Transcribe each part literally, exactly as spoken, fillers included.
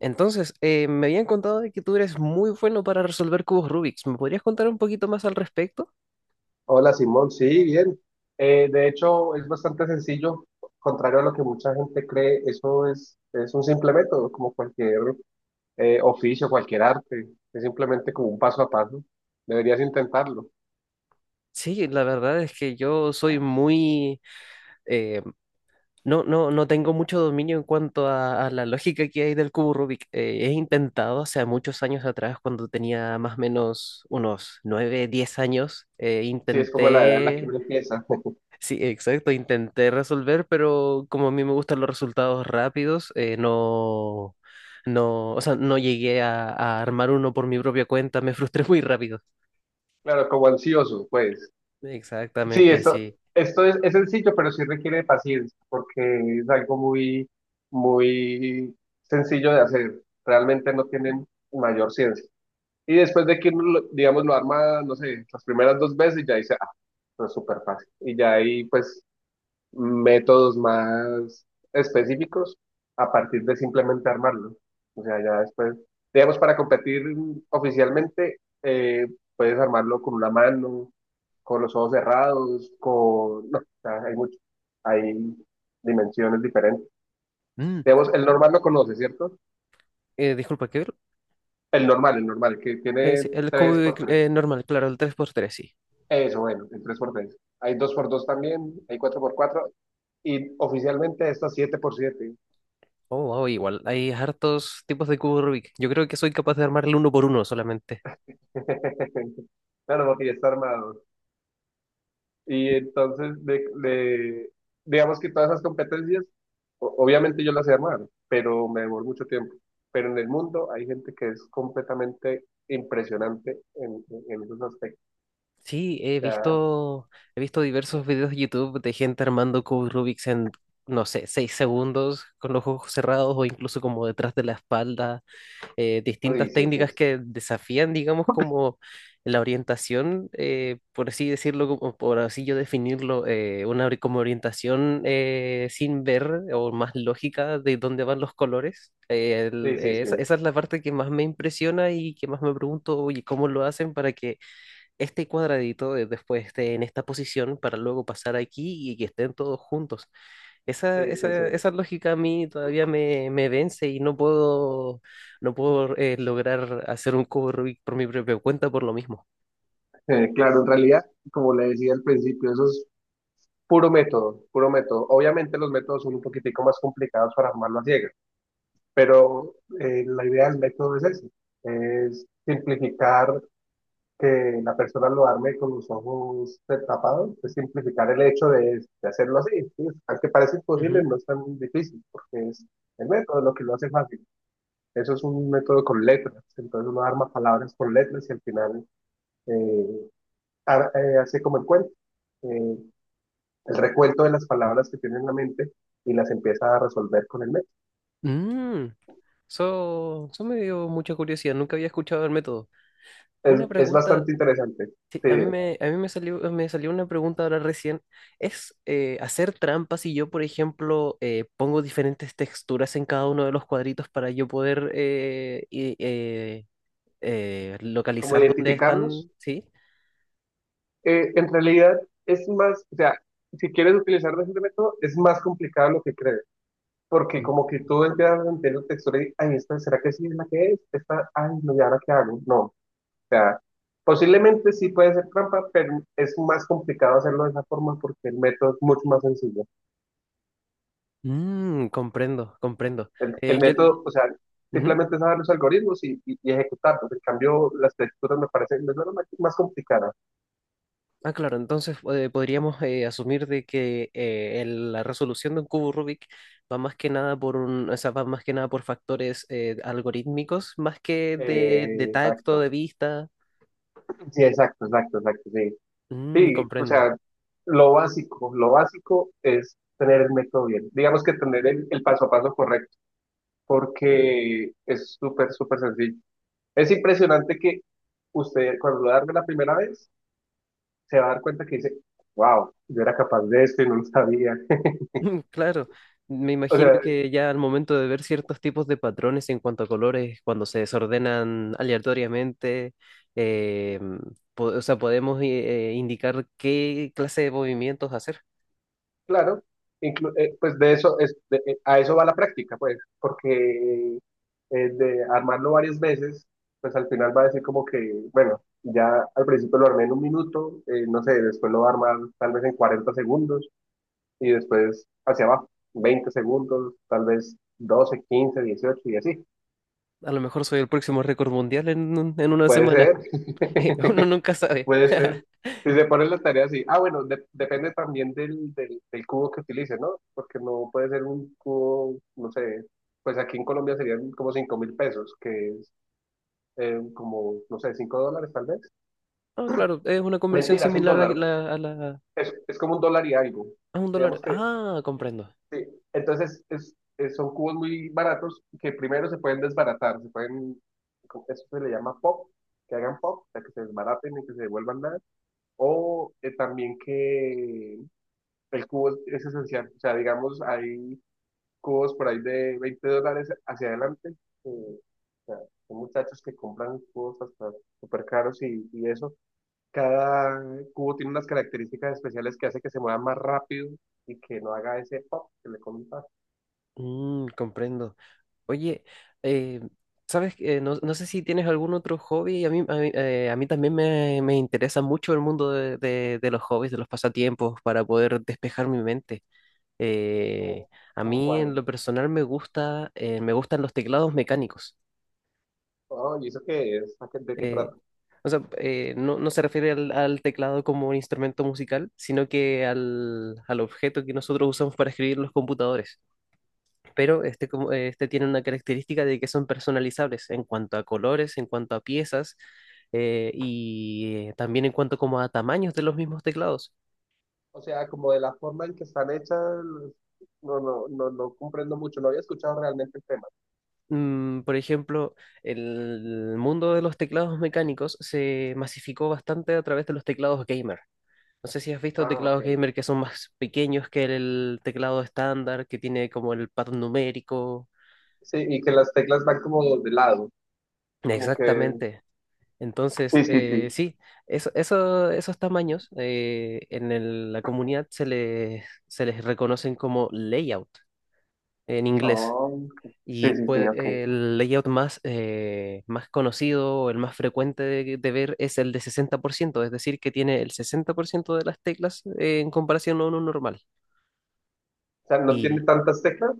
Entonces, eh, me habían contado de que tú eres muy bueno para resolver cubos Rubik's. ¿Me podrías contar un poquito más al respecto? Hola Simón, sí, bien. Eh, de hecho, es bastante sencillo, contrario a lo que mucha gente cree, eso es, es un simple método, como cualquier eh, oficio, cualquier arte, es simplemente como un paso a paso. Deberías intentarlo. Sí, la verdad es que yo soy muy... eh, no, no, no tengo mucho dominio en cuanto a, a la lógica que hay del cubo Rubik. Eh, he intentado hace muchos años atrás, cuando tenía más o menos unos nueve, diez años, eh, Sí, es como la edad en la que intenté. uno empieza. Sí, exacto, intenté resolver, pero como a mí me gustan los resultados rápidos, eh, no, no, o sea, no llegué a, a armar uno por mi propia cuenta, me frustré muy rápido. Claro, como ansioso, pues. Sí, Exactamente, esto, sí. esto es, es sencillo, pero sí requiere de paciencia, porque es algo muy, muy sencillo de hacer. Realmente no tienen mayor ciencia. Y después de que uno, lo- digamos, lo arma, no sé, las primeras dos veces, ya dice, ah, no es súper fácil. Y ya hay, pues, métodos más específicos a partir de simplemente armarlo. O sea, ya después, digamos, para competir oficialmente, eh, puedes armarlo con una mano, con los ojos cerrados, con... No, o sea, hay mucho, hay dimensiones diferentes. Mm, Digamos, el normal lo conoce, ¿cierto? eh, disculpa, ¿qué? El normal, el normal, que Eh, tiene Sí, el cubo tres de por cr- tres eh, normal, claro, el tres por tres, sí. Eso, bueno, el tres por tres. Hay dos por dos también, hay cuatro por cuatro y oficialmente está siete por siete. Oh, wow, igual, hay hartos tipos de cubo Rubik. Yo creo que soy capaz de armarle uno por uno solamente. Claro, porque ya está armado. Y entonces, de, de- digamos que todas esas competencias, o- obviamente yo las he armado, pero me demoró mucho tiempo. Pero en el mundo hay gente que es completamente impresionante en, en, en esos aspectos. Sí, he Ya, visto, he visto diversos videos de YouTube de gente armando cubos Rubik's en, no sé, seis segundos con los ojos cerrados o incluso como detrás de la espalda, eh, uy, distintas sí, sí, técnicas que desafían, digamos, como la orientación, eh, por así decirlo, como, por así yo definirlo, eh, una ori- como orientación eh, sin ver o más lógica de dónde van los colores. Eh, el- sí, sí, eh, esa, sí, esa es la parte que más me impresiona y que más me pregunto, oye, ¿cómo lo hacen para que este cuadradito de- después esté en esta posición para luego pasar aquí y que estén todos juntos? Esa, sí, sí, sí, esa, sí. esa lógica a mí todavía me, me vence y no puedo, no puedo eh, lograr hacer un cubo Rubik por mi propia cuenta por lo mismo. Eh, claro, en realidad, como le decía al principio, esos puro método, puro método. Obviamente los métodos son un poquitico más complicados para armarlo a ciegas, pero eh, la idea del método es eso, es simplificar que la persona lo arme con los ojos tapados, es simplificar el hecho de, de hacerlo así. ¿Sí? Aunque parece imposible, Ujú. no es tan difícil, porque es el método lo que lo hace fácil. Eso es un método con letras, entonces uno arma palabras con letras y al final eh, ar- eh, hace como el cuento. Eh, el recuento de las palabras que tiene en la mente y las empieza a resolver con el método. Mm, eso, eso me dio mucha curiosidad, nunca había escuchado el método. Es, Una es pregunta, bastante interesante. sí, a mí eh, me, a mí me salió, me salió una pregunta ahora recién. ¿Es eh, hacer trampas si yo, por ejemplo, eh, pongo diferentes texturas en cada uno de los cuadritos para yo poder eh, i- eh, eh, Como localizar dónde identificarlos. están? ¿Sí? Eh, en realidad es más, o sea, si quieres utilizar ese método, es más complicado lo que crees, porque como que Mm. tú empiezas a entender la textura y, ay, esta, ¿será que sí es la que es? Esta, ay, no, ¿y ahora qué hago? No, o sea, posiblemente sí puede ser trampa, pero es más complicado hacerlo de esa forma porque el método es mucho más sencillo. Mm, comprendo, comprendo. El, Eh, el yo, método, o sea, ujú. simplemente es saber los algoritmos y, y, y ejecutarlos. En cambio, las texturas me parecen me suenan más, más complicadas. Ah, claro, entonces eh, podríamos eh, asumir de que eh, el- la resolución de un cubo Rubik va más que nada por un, o sea, va más que nada por factores eh, algorítmicos, más que de, de Eh, tacto, Exacto. de vista. Sí, exacto, exacto, exacto, sí. Mm, Sí, o comprendo. sea, lo básico, lo básico es tener el método bien. Digamos que tener el, el paso a paso correcto, porque es súper, súper sencillo. Es impresionante que usted, cuando lo darme la primera vez, se va a dar cuenta que dice, wow, yo era capaz de esto y no lo sabía. Mm, claro, me O imagino sea, que ya al momento de ver ciertos tipos de patrones en cuanto a colores, cuando se desordenan aleatoriamente, eh, po- o sea, podemos eh, indicar qué clase de movimientos hacer. claro, inclu- eh, pues de eso es, de- eh, a eso va la práctica, pues, porque eh, de armarlo varias veces, pues al final va a decir como que, bueno, ya al principio lo armé en un minuto, eh, no sé, después lo va a armar tal vez en cuarenta segundos y después hacia abajo, veinte segundos, tal vez doce, quince, dieciocho y así. A lo mejor soy el próximo récord mundial en, un- en una Puede semana. ser. Uno nunca sabe. Puede ser. Si se pone la tarea así. Ah, bueno, de- depende también del, del, del cubo que utilice, ¿no? Porque no puede ser un cubo, no sé, pues aquí en Colombia serían como cinco mil pesos, que es eh, como, no sé, cinco dólares tal vez. Ah, claro, es una conversión Mentiras, un similar a dólar. la, a la- Es, es como un dólar y algo. a un dólar. Digamos que, Ah, comprendo. sí. Entonces, es, es- son cubos muy baratos que primero se pueden desbaratar, se pueden, como- eso se le llama pop, que hagan pop, o sea, que se desbaraten y que se devuelvan nada. O eh, también que el cubo es es esencial. O sea, digamos, hay cubos por ahí de veinte dólares hacia adelante. Eh, o sea, son muchachos que compran cubos hasta súper caros y, y, eso. Cada cubo tiene unas características especiales que hace que se mueva más rápido y que no haga ese pop que le comentas. Mm, comprendo. Oye, eh, ¿sabes qué? No, no sé si tienes algún otro hobby. A mí, a mí, eh, a mí también me, me interesa mucho el mundo de, de- de los hobbies, de los pasatiempos, para poder despejar mi mente. Eh, Como, a como mí cuál, ¿no? en lo personal me gusta, eh, me gustan los teclados mecánicos. Oh, ¿y eso qué es? ¿A qué- ¿De qué Eh, trata? O sea, eh, no, no se refiere al, al teclado como un instrumento musical, sino que al, al objeto que nosotros usamos para escribir en los computadores. Pero este, como- eh, este tiene una característica de que son personalizables en cuanto a colores, en cuanto a piezas eh, y eh, también en cuanto como a tamaños de los mismos teclados. O sea, como de la forma en que están hechas, no, no, no, no comprendo mucho. No había escuchado realmente el tema. Mm, por ejemplo, el mundo de los teclados mecánicos se masificó bastante a través de los teclados gamer. No sé si has visto Ah, ok. teclados gamer que son más pequeños que el teclado estándar, que tiene como el patrón numérico. Sí, y que las teclas van como de lado. Como que, Exactamente. Entonces, sí, sí, eh, sí. sí, eso, eso- esos tamaños eh, en el- la comunidad se les, se les reconocen como layout en inglés. Oh, ok. Y Sí, sí, sí, pues, ok. el layout más, eh, más conocido o el más frecuente de, de ver es el de sesenta por ciento, es decir, que tiene el sesenta por ciento de las teclas eh, en comparación a uno normal. O sea, no tiene Y tantas teclas.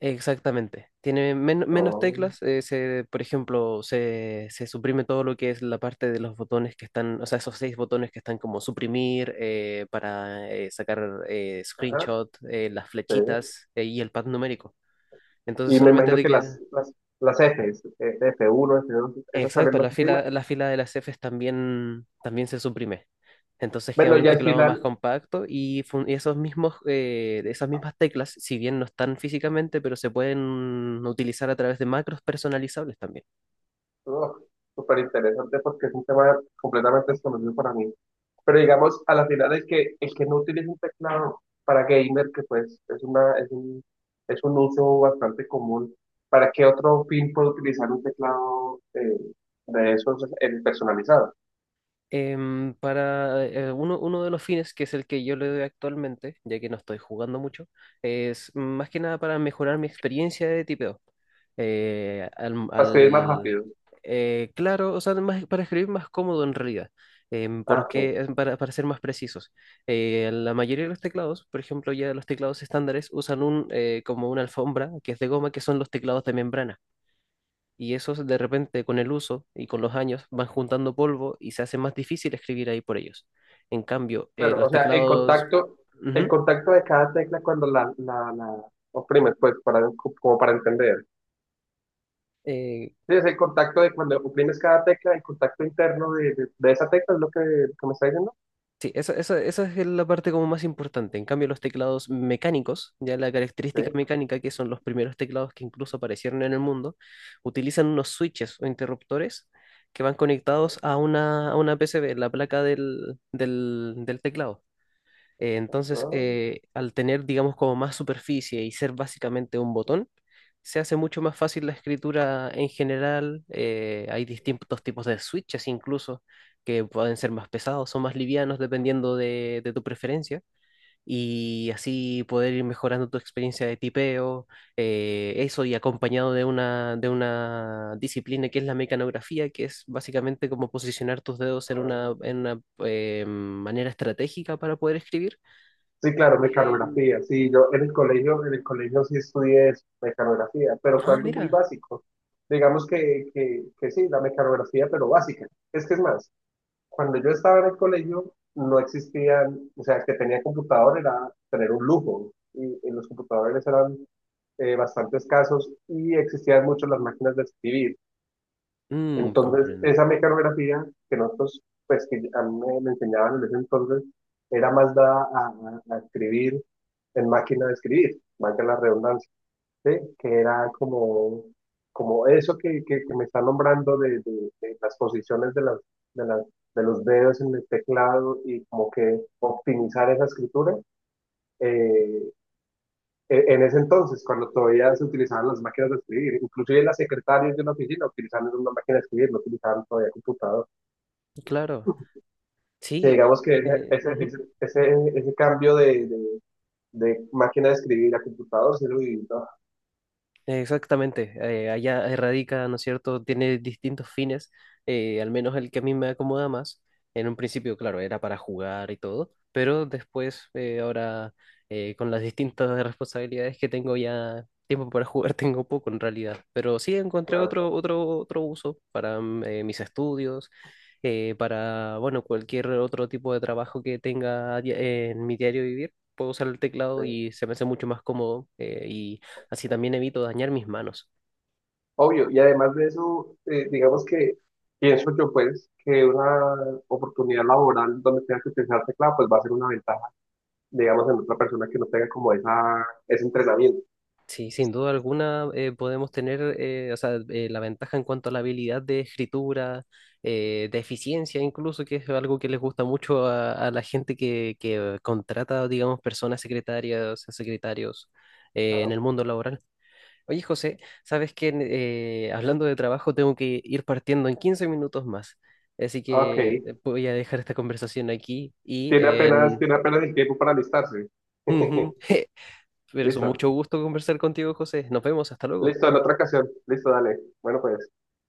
exactamente, tiene men- menos Oh, teclas. Eh, se, por ejemplo, se, se suprime todo lo que es la parte de los botones que están, o sea, esos seis botones que están como suprimir eh, para eh, sacar eh, ajá, screenshot, eh, las sí. flechitas eh, y el pad numérico. Entonces Y me solamente imagino te que las, queda. las, las Fs, eh, f uno f dos esas también Exacto, la las imprime. fila, la fila de las Fs también, también se suprime. Entonces queda Bueno, un y al teclado más final. compacto y, fun- y esos mismos, eh, esas mismas teclas, si bien no están físicamente, pero se pueden utilizar a través de macros personalizables también. Oh, súper interesante porque es un tema completamente desconocido para mí. Pero digamos, a la final el que, el que no utiliza un teclado para gamer, que pues es una, es un, es un uso bastante común, ¿para qué otro fin puede utilizar un teclado eh, de esos eh, personalizados? Em, para eh, uno, uno de los fines, que es el que yo le doy actualmente, ya que no estoy jugando mucho, es más que nada para mejorar mi experiencia de tipeo. Eh, al, Para escribir más al- rápido. eh, claro, o sea, más- para escribir más cómodo en realidad, em, Ah, ok. porque eh, para, para ser más precisos, Eh, la mayoría de los teclados, por ejemplo, ya los teclados estándares usan un, eh, como una alfombra que es de goma, que son los teclados de membrana y esos de repente con el uso y con los años van juntando polvo y se hace más difícil escribir ahí por ellos. En cambio, eh, Claro, o los sea, el teclados... contacto, el Ujú. contacto de cada tecla cuando la, la, la oprimes, pues, para, como para entender. Eh, Sí, es el contacto de cuando oprimes cada tecla, el contacto interno de, de- de esa tecla, es lo que, que me está diciendo. sí, esa, esa- esa es la parte como más importante. En cambio, los teclados mecánicos, ya la Sí. característica mecánica que son los primeros teclados que incluso aparecieron en el mundo, utilizan unos switches o interruptores que van conectados a una, a una P C B, la placa del, del del teclado. Eh, entonces, Ah, eh, Al tener, digamos, como más superficie y ser básicamente un botón, se hace mucho más fácil la escritura en general. Eh, hay distintos tipos de switches incluso que pueden ser más pesados o más livianos dependiendo de, de tu preferencia. Y así poder ir mejorando tu experiencia de tipeo, eh, eso y acompañado de una, de una disciplina que es la mecanografía, que es básicamente como posicionar tus dedos en ah. una, en una, eh, manera estratégica para poder escribir. Sí, claro, Em, mecanografía. Sí, yo en el colegio, en el colegio sí estudié eso, mecanografía, pero fue ah, algo muy mira. básico. Digamos que, que, que sí, la mecanografía, pero básica. Es que es más, cuando yo estaba en el colegio no existían, o sea, el que tenía computador era tener un lujo y, y, los computadores eran eh, bastante escasos y existían mucho las máquinas de escribir. Mm, Entonces, comprendo. esa mecanografía que nosotros, pues que a mí me, me enseñaban en ese entonces, era más dada a, a- a escribir en máquina de escribir, valga la redundancia, ¿sí? Que era como, como eso que, que, que me está nombrando de, de- de las posiciones de, las, de, las, de los dedos en el teclado y como que optimizar esa escritura. eh, en en ese entonces, cuando todavía se utilizaban las máquinas de escribir, inclusive las secretarias de una oficina utilizaban una máquina de escribir, no utilizaban todavía computador. O Claro. sea, Sí. digamos que ese, eh, ese, Ujú. ese, ese, ese cambio de, de, de máquina de escribir a computador se lo vivió, ¿no? Exactamente, eh, allá erradica, ¿no es cierto? Tiene distintos fines, eh, al menos el que a mí me acomoda más. En un principio, claro, era para jugar y todo, pero después, eh, ahora, eh, con las distintas responsabilidades que tengo ya, tiempo para jugar tengo poco en realidad, pero sí encontré Claro, otro, otro, otro uso para mm, eh, mis estudios, eh, para, bueno, cualquier otro tipo de trabajo que tenga a dia- en mi diario vivir. Puedo usar el teclado sí. y se me hace mucho más cómodo eh, y Así también evito dañar mis manos. Obvio. Y además de eso, eh, digamos que pienso yo, pues, que una oportunidad laboral donde tenga que utilizar teclado, pues va a ser una ventaja, digamos, en otra persona que no tenga como esa, ese entrenamiento, Sí, sin duda alguna eh, podemos tener eh, o sea, eh, la ventaja en cuanto a la habilidad de escritura, eh, de eficiencia incluso, que es algo que les gusta mucho a, a la gente que, que contrata, digamos, personas secretarias, secretarios eh, en claro. el mundo laboral. Oye, José, sabes que eh, hablando de trabajo tengo que ir partiendo en quince minutos más, así Ok. que eh, voy a dejar esta conversación aquí y Tiene apenas, en... tiene apenas el tiempo para alistarse. Ujú. Pero es un Listo. mucho gusto conversar contigo, José. Nos vemos, hasta luego. Listo, en otra ocasión. Listo, dale. Bueno, pues.